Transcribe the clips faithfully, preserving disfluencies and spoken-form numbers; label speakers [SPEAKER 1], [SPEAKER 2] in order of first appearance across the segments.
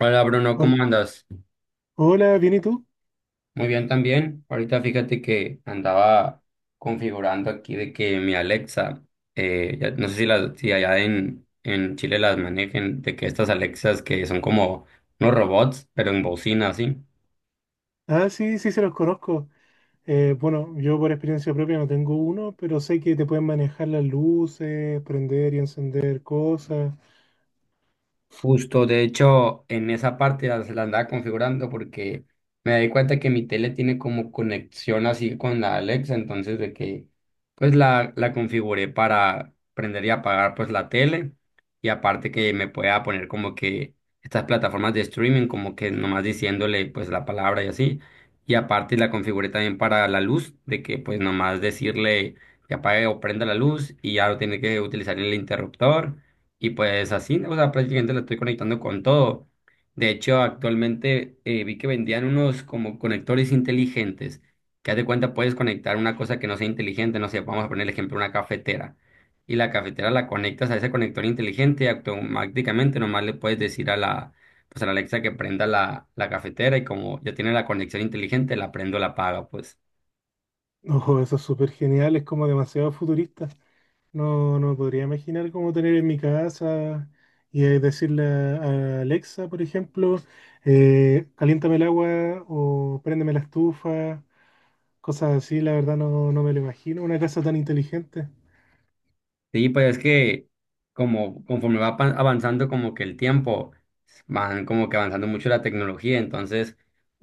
[SPEAKER 1] Hola Bruno,
[SPEAKER 2] Hol-
[SPEAKER 1] ¿cómo andas?
[SPEAKER 2] Hola, ¿bien y tú?
[SPEAKER 1] Muy bien también. Ahorita fíjate que andaba configurando aquí de que mi Alexa, eh, ya- no sé si, las, si allá en, en Chile las manejen, de que estas Alexas que son como unos robots, pero en bocina, así.
[SPEAKER 2] Ah, sí, sí, se los conozco. Eh, bueno, yo por experiencia propia no tengo uno, pero sé que te pueden manejar las luces, prender y encender cosas.
[SPEAKER 1] Justo, de hecho, en esa parte la, la andaba configurando porque me di cuenta que mi tele tiene como conexión así con la Alexa, entonces de que pues la, la configuré para prender y apagar pues la tele y aparte que me pueda poner como que estas plataformas de streaming como que nomás diciéndole pues la palabra y así y aparte la configuré también para la luz de que pues nomás decirle que apague o prenda la luz y ya no tiene que utilizar el interruptor. Y pues así, o sea, prácticamente la estoy conectando con todo. De hecho, actualmente eh, vi que vendían unos como conectores inteligentes, que haz de cuenta puedes conectar una cosa que no sea inteligente, no sé, vamos a poner el ejemplo, una cafetera. Y la cafetera la conectas a ese conector inteligente y automáticamente nomás le puedes decir a la, pues a la Alexa que prenda la, la cafetera y como ya tiene la conexión inteligente, la prendo, la apaga, pues.
[SPEAKER 2] Ojo, eso es súper genial, es como demasiado futurista. No, no me podría imaginar cómo tener en mi casa y eh, decirle a a Alexa, por ejemplo, eh, caliéntame el agua o préndeme la estufa, cosas así, la verdad no, no me lo imagino, una casa tan inteligente.
[SPEAKER 1] Sí, pues es que como conforme va pa- avanzando como que el tiempo, van como que avanzando mucho la tecnología, entonces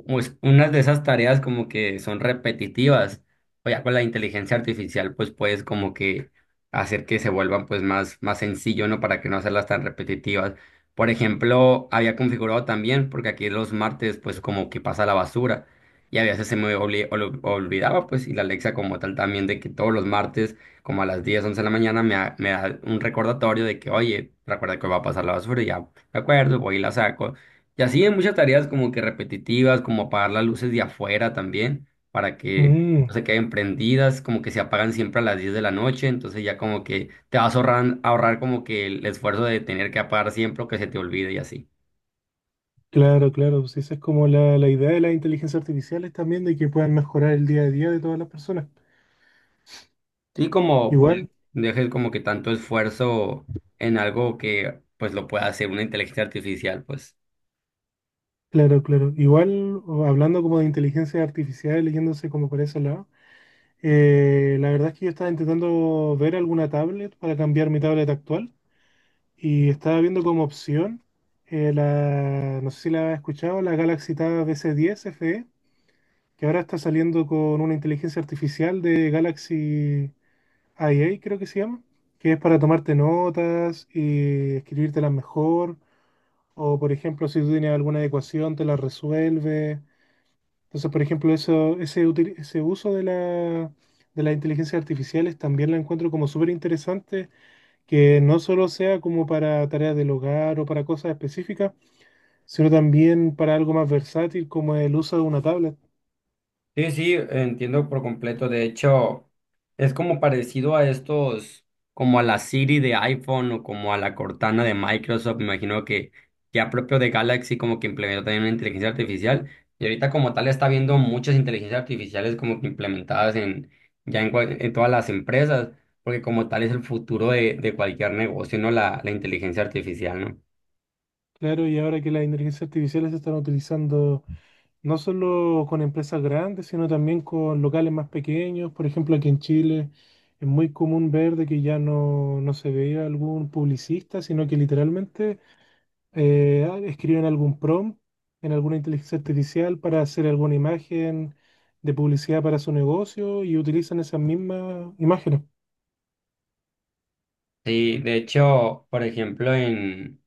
[SPEAKER 1] pues, unas de esas tareas como que son repetitivas, o ya con la inteligencia artificial pues puedes como que hacer que se vuelvan pues más, más sencillo, ¿no? Para que no hacerlas tan repetitivas. Por ejemplo, había configurado también, porque aquí los martes pues como que pasa la basura y a veces se me obli- ol- olvidaba pues y la Alexa como tal también de que todos los martes como a las diez once de la mañana me, da- me da un recordatorio de que, oye, recuerda que va a pasar la basura, y ya me acuerdo, voy y la saco. Y así hay muchas tareas como que repetitivas, como apagar las luces de afuera también, para que no
[SPEAKER 2] Mm.
[SPEAKER 1] se queden prendidas, como que se apagan siempre a las diez de la noche, entonces ya como que te vas a ahorrar, ahorrar como que el esfuerzo de tener que apagar siempre o que se te olvide y así.
[SPEAKER 2] Claro, claro, pues esa es como la, la idea de las inteligencias artificiales también, de que puedan mejorar el día a día de todas las personas.
[SPEAKER 1] Sí, como pues
[SPEAKER 2] Igual,
[SPEAKER 1] dejes como que tanto esfuerzo en algo que pues lo pueda hacer una inteligencia artificial, pues.
[SPEAKER 2] claro, claro, igual o hablando como de inteligencia artificial, leyéndose como por ese lado, eh, la verdad es que yo estaba intentando ver alguna tablet para cambiar mi tablet actual y estaba viendo como opción eh, la, no sé si la has escuchado, la Galaxy Tab S diez F E, que ahora está saliendo con una inteligencia artificial de Galaxy. A I creo que se llama, que es para tomarte notas y escribírtelas mejor, o por ejemplo, si tú tienes alguna ecuación, te la resuelve. Entonces, por ejemplo, eso, ese, util- ese uso de la, de las inteligencias artificiales también la encuentro como súper interesante, que no solo sea como para tareas del hogar o para cosas específicas, sino también para algo más versátil como el uso de una tablet.
[SPEAKER 1] Sí, sí, entiendo por completo. De hecho, es como parecido a estos, como a la Siri de iPhone o como a la Cortana de Microsoft. Me imagino que ya propio de Galaxy como que implementó también una inteligencia artificial. Y ahorita como tal está viendo muchas inteligencias artificiales como que implementadas en ya en, cual- en todas las empresas, porque como tal es el futuro de, de cualquier negocio, ¿no? La, la inteligencia artificial, ¿no?
[SPEAKER 2] Claro, y ahora que las inteligencias artificiales se están utilizando no solo con empresas grandes, sino también con locales más pequeños. Por ejemplo, aquí en Chile es muy común ver de que ya no, no se veía algún publicista, sino que literalmente eh, ah, escriben algún prompt en alguna inteligencia artificial para hacer alguna imagen de publicidad para su negocio y utilizan esas mismas imágenes.
[SPEAKER 1] Sí, de hecho, por ejemplo, en...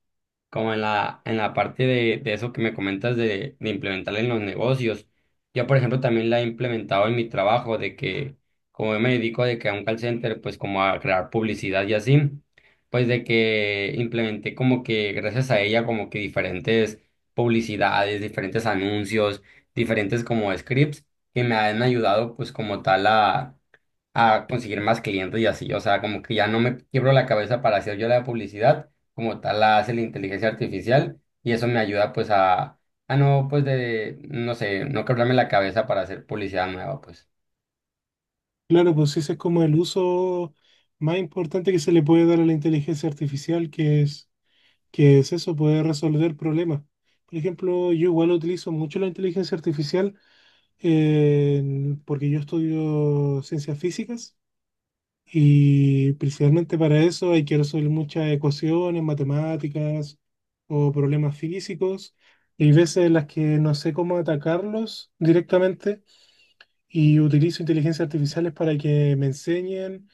[SPEAKER 1] como en la, en la parte de, de eso que me comentas de, de implementar en los negocios. Yo, por ejemplo, también la he implementado en mi trabajo, de que como yo me dedico de que a un call center, pues como a crear publicidad y así, pues de que implementé como que gracias a ella como que diferentes publicidades, diferentes anuncios, diferentes como scripts que me han ayudado pues como tal a, a conseguir más clientes y así. O sea, como que ya no me quiebro la cabeza para hacer yo la publicidad como tal la hace la inteligencia artificial y eso me ayuda pues a, a no pues de, no sé, no quebrarme la cabeza para hacer publicidad nueva pues.
[SPEAKER 2] Claro, pues ese es como el uso más importante que se le puede dar a la inteligencia artificial, que es que es eso, puede resolver problemas. Por ejemplo, yo igual utilizo mucho la inteligencia artificial en- porque yo estudio ciencias físicas y principalmente para eso hay que resolver muchas ecuaciones, matemáticas o problemas físicos. Y hay veces en las que no sé cómo atacarlos directamente y utilizo inteligencias artificiales para que me enseñen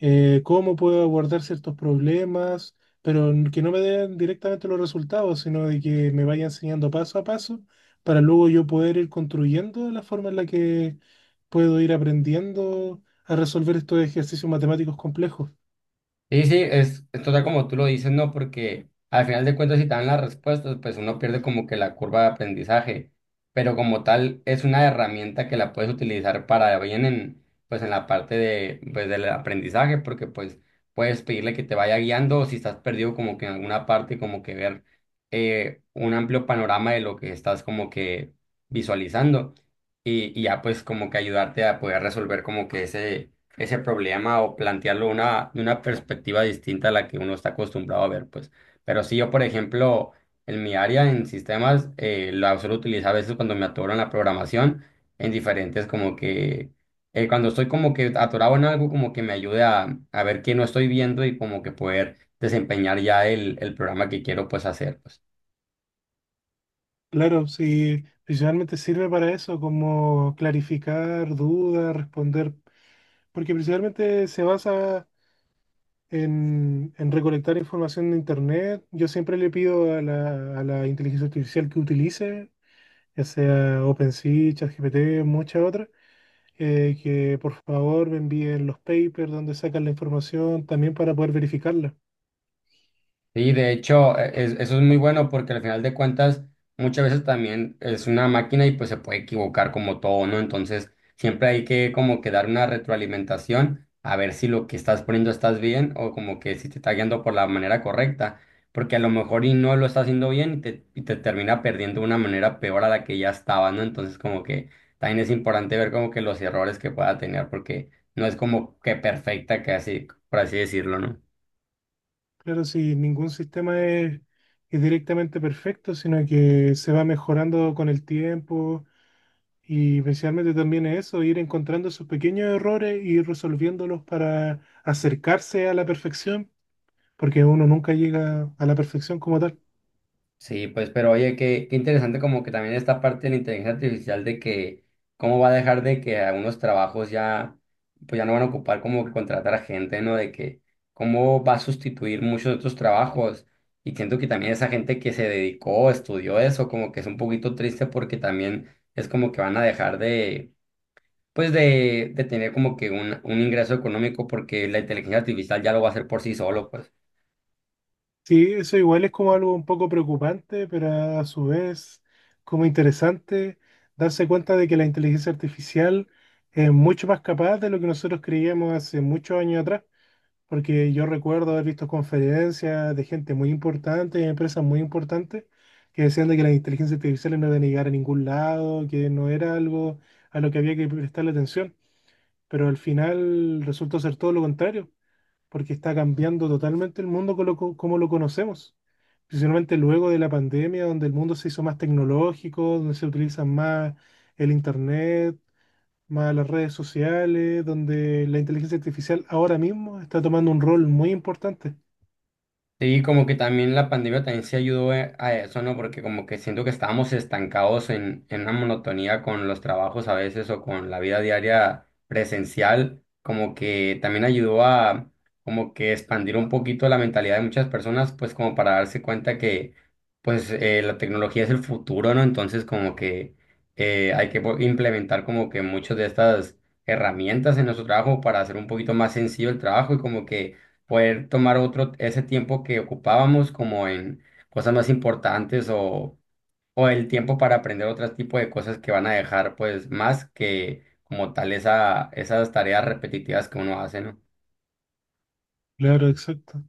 [SPEAKER 2] eh, cómo puedo abordar ciertos problemas, pero n- que no me den directamente los resultados, sino de que me vaya enseñando paso a paso para luego yo poder ir construyendo la forma en la que puedo ir aprendiendo a resolver estos ejercicios matemáticos complejos.
[SPEAKER 1] Sí, sí, es, es total como tú lo dices, ¿no? Porque al final de cuentas, si te dan las respuestas, pues uno pierde como que la curva de aprendizaje, pero como tal es una herramienta que la puedes utilizar para bien en, pues en la parte de, pues del aprendizaje, porque pues puedes pedirle que te vaya guiando o si estás perdido como que en alguna parte, como que ver eh, un amplio panorama de lo que estás como que visualizando y, y ya pues como que ayudarte a poder resolver como que ese ese problema o plantearlo una, de una perspectiva distinta a la que uno está acostumbrado a ver, pues. Pero sí, yo, por ejemplo, en mi área en sistemas, eh, la suelo utilizar a veces cuando me atoro en la programación, en diferentes como que, eh, cuando estoy como que atorado en algo, como que me ayude a, a ver qué no estoy viendo y como que poder desempeñar ya el, el programa que quiero pues hacer, pues.
[SPEAKER 2] Claro, sí, principalmente sirve para eso, como clarificar dudas, responder, porque principalmente se basa en, en recolectar información de Internet. Yo siempre le pido a la, a la inteligencia artificial que utilice, ya sea OpenAI, ChatGPT, muchas otras, eh, que por favor me envíen los papers donde sacan la información también para poder verificarla.
[SPEAKER 1] Sí, de hecho, e- es- eso es muy bueno porque al final de cuentas muchas veces también es una máquina y pues se puede equivocar como todo, ¿no? Entonces siempre hay que como que dar una retroalimentación a ver si lo que estás poniendo estás bien o como que si te está guiando por la manera correcta, porque a lo mejor y no lo está haciendo bien y te, y te termina perdiendo de una manera peor a la que ya estaba, ¿no? Entonces como que también es importante ver como que los errores que pueda tener porque no es como que perfecta, que así, por así decirlo, ¿no?
[SPEAKER 2] Claro, si ningún sistema es, es directamente perfecto, sino que se va mejorando con el tiempo. Y principalmente también es eso, ir encontrando sus pequeños errores y resolviéndolos para acercarse a la perfección porque uno nunca llega a la perfección como tal.
[SPEAKER 1] Sí, pues, pero oye, qué, qué interesante como que también esta parte de la inteligencia artificial de que cómo va a dejar de que algunos trabajos ya, pues ya no van a ocupar como que contratar a gente, ¿no? De que cómo va a sustituir muchos de otros trabajos. Y siento que también esa gente que se dedicó, estudió eso, como que es un poquito triste porque también es como que van a dejar de, pues de, de tener como que un, un ingreso económico porque la inteligencia artificial ya lo va a hacer por sí solo, pues.
[SPEAKER 2] Sí, eso igual es como algo un poco preocupante, pero a su vez como interesante darse cuenta de que la inteligencia artificial es mucho más capaz de lo que nosotros creíamos hace muchos años atrás, porque yo recuerdo haber visto conferencias de gente muy importante, de empresas muy importantes, que decían de que la inteligencia artificial no iba a llegar a ningún lado, que no era algo a lo que había que prestarle atención, pero al final resultó ser todo lo contrario porque está cambiando totalmente el mundo como lo, co- como lo conocemos. Principalmente luego de la pandemia, donde el mundo se hizo más tecnológico, donde se utilizan más el internet, más las redes sociales, donde la inteligencia artificial ahora mismo está tomando un rol muy importante.
[SPEAKER 1] Sí, como que también la pandemia también se ayudó eh, a eso, ¿no? Porque como que siento que estábamos estancados en, en una monotonía con los trabajos a veces o con la vida diaria presencial, como que también ayudó a como que expandir un poquito la mentalidad de muchas personas, pues como para darse cuenta que pues eh, la tecnología es el futuro, ¿no? Entonces como que eh, hay que po- implementar como que muchas de estas herramientas en nuestro trabajo para hacer un poquito más sencillo el trabajo y como que poder tomar otro, ese tiempo que ocupábamos como en cosas más importantes o, o el tiempo para aprender otro tipo de cosas que van a dejar pues más que como tal esa, esas tareas repetitivas que uno hace, ¿no?
[SPEAKER 2] Claro, exacto.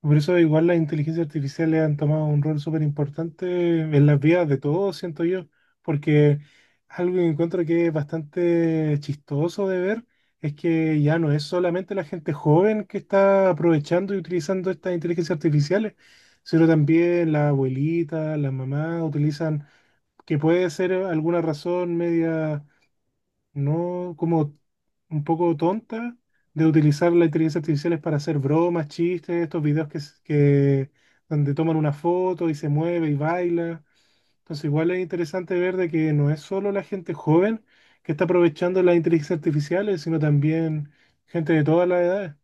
[SPEAKER 2] Por eso igual las inteligencias artificiales han tomado un rol súper importante en las vidas de todos, siento yo, porque algo que encuentro que es bastante chistoso de ver es que ya no es solamente la gente joven que está aprovechando y utilizando estas inteligencias artificiales, sino también la abuelita, la mamá utilizan, que puede ser alguna razón media no como un poco tonta de utilizar la inteligencia artificial para hacer bromas, chistes, estos videos que, s- que donde toman una foto y se mueve y baila. Entonces igual es interesante ver de que no es solo la gente joven que está aprovechando las inteligencias artificiales, sino también gente de todas las edades.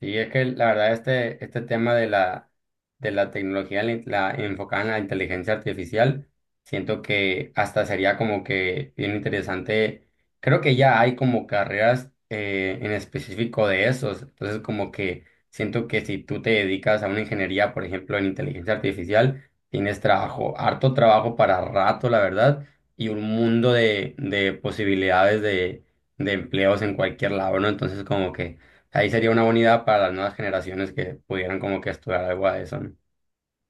[SPEAKER 1] Sí, es que la verdad este, este tema de la, de la tecnología la, la- enfocada en la inteligencia artificial, siento que hasta sería como que bien interesante. Creo que ya hay como carreras eh, en específico de esos. Entonces como que siento que si tú te dedicas a una ingeniería, por ejemplo, en inteligencia artificial, tienes trabajo, harto trabajo para rato, la verdad, y un mundo de, de posibilidades de, de empleos en cualquier lado, ¿no? Entonces como que... Ahí sería una buena idea para las nuevas generaciones que pudieran como que estudiar algo a eso, ¿no?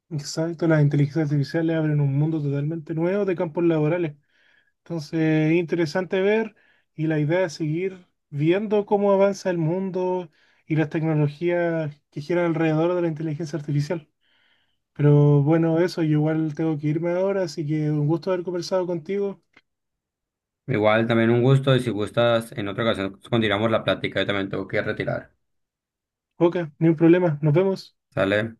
[SPEAKER 2] Exacto, las inteligencias artificiales abren un mundo totalmente nuevo de campos laborales. Entonces, interesante ver y la idea es seguir viendo cómo avanza el mundo y las tecnologías que giran alrededor de la inteligencia artificial. Pero bueno, eso, yo igual tengo que irme ahora, así que un gusto haber conversado contigo.
[SPEAKER 1] Igual también un gusto y si gustas, en otra ocasión continuamos la plática, yo también tengo que retirar.
[SPEAKER 2] Ok, ni un problema, nos vemos.
[SPEAKER 1] ¿Sale?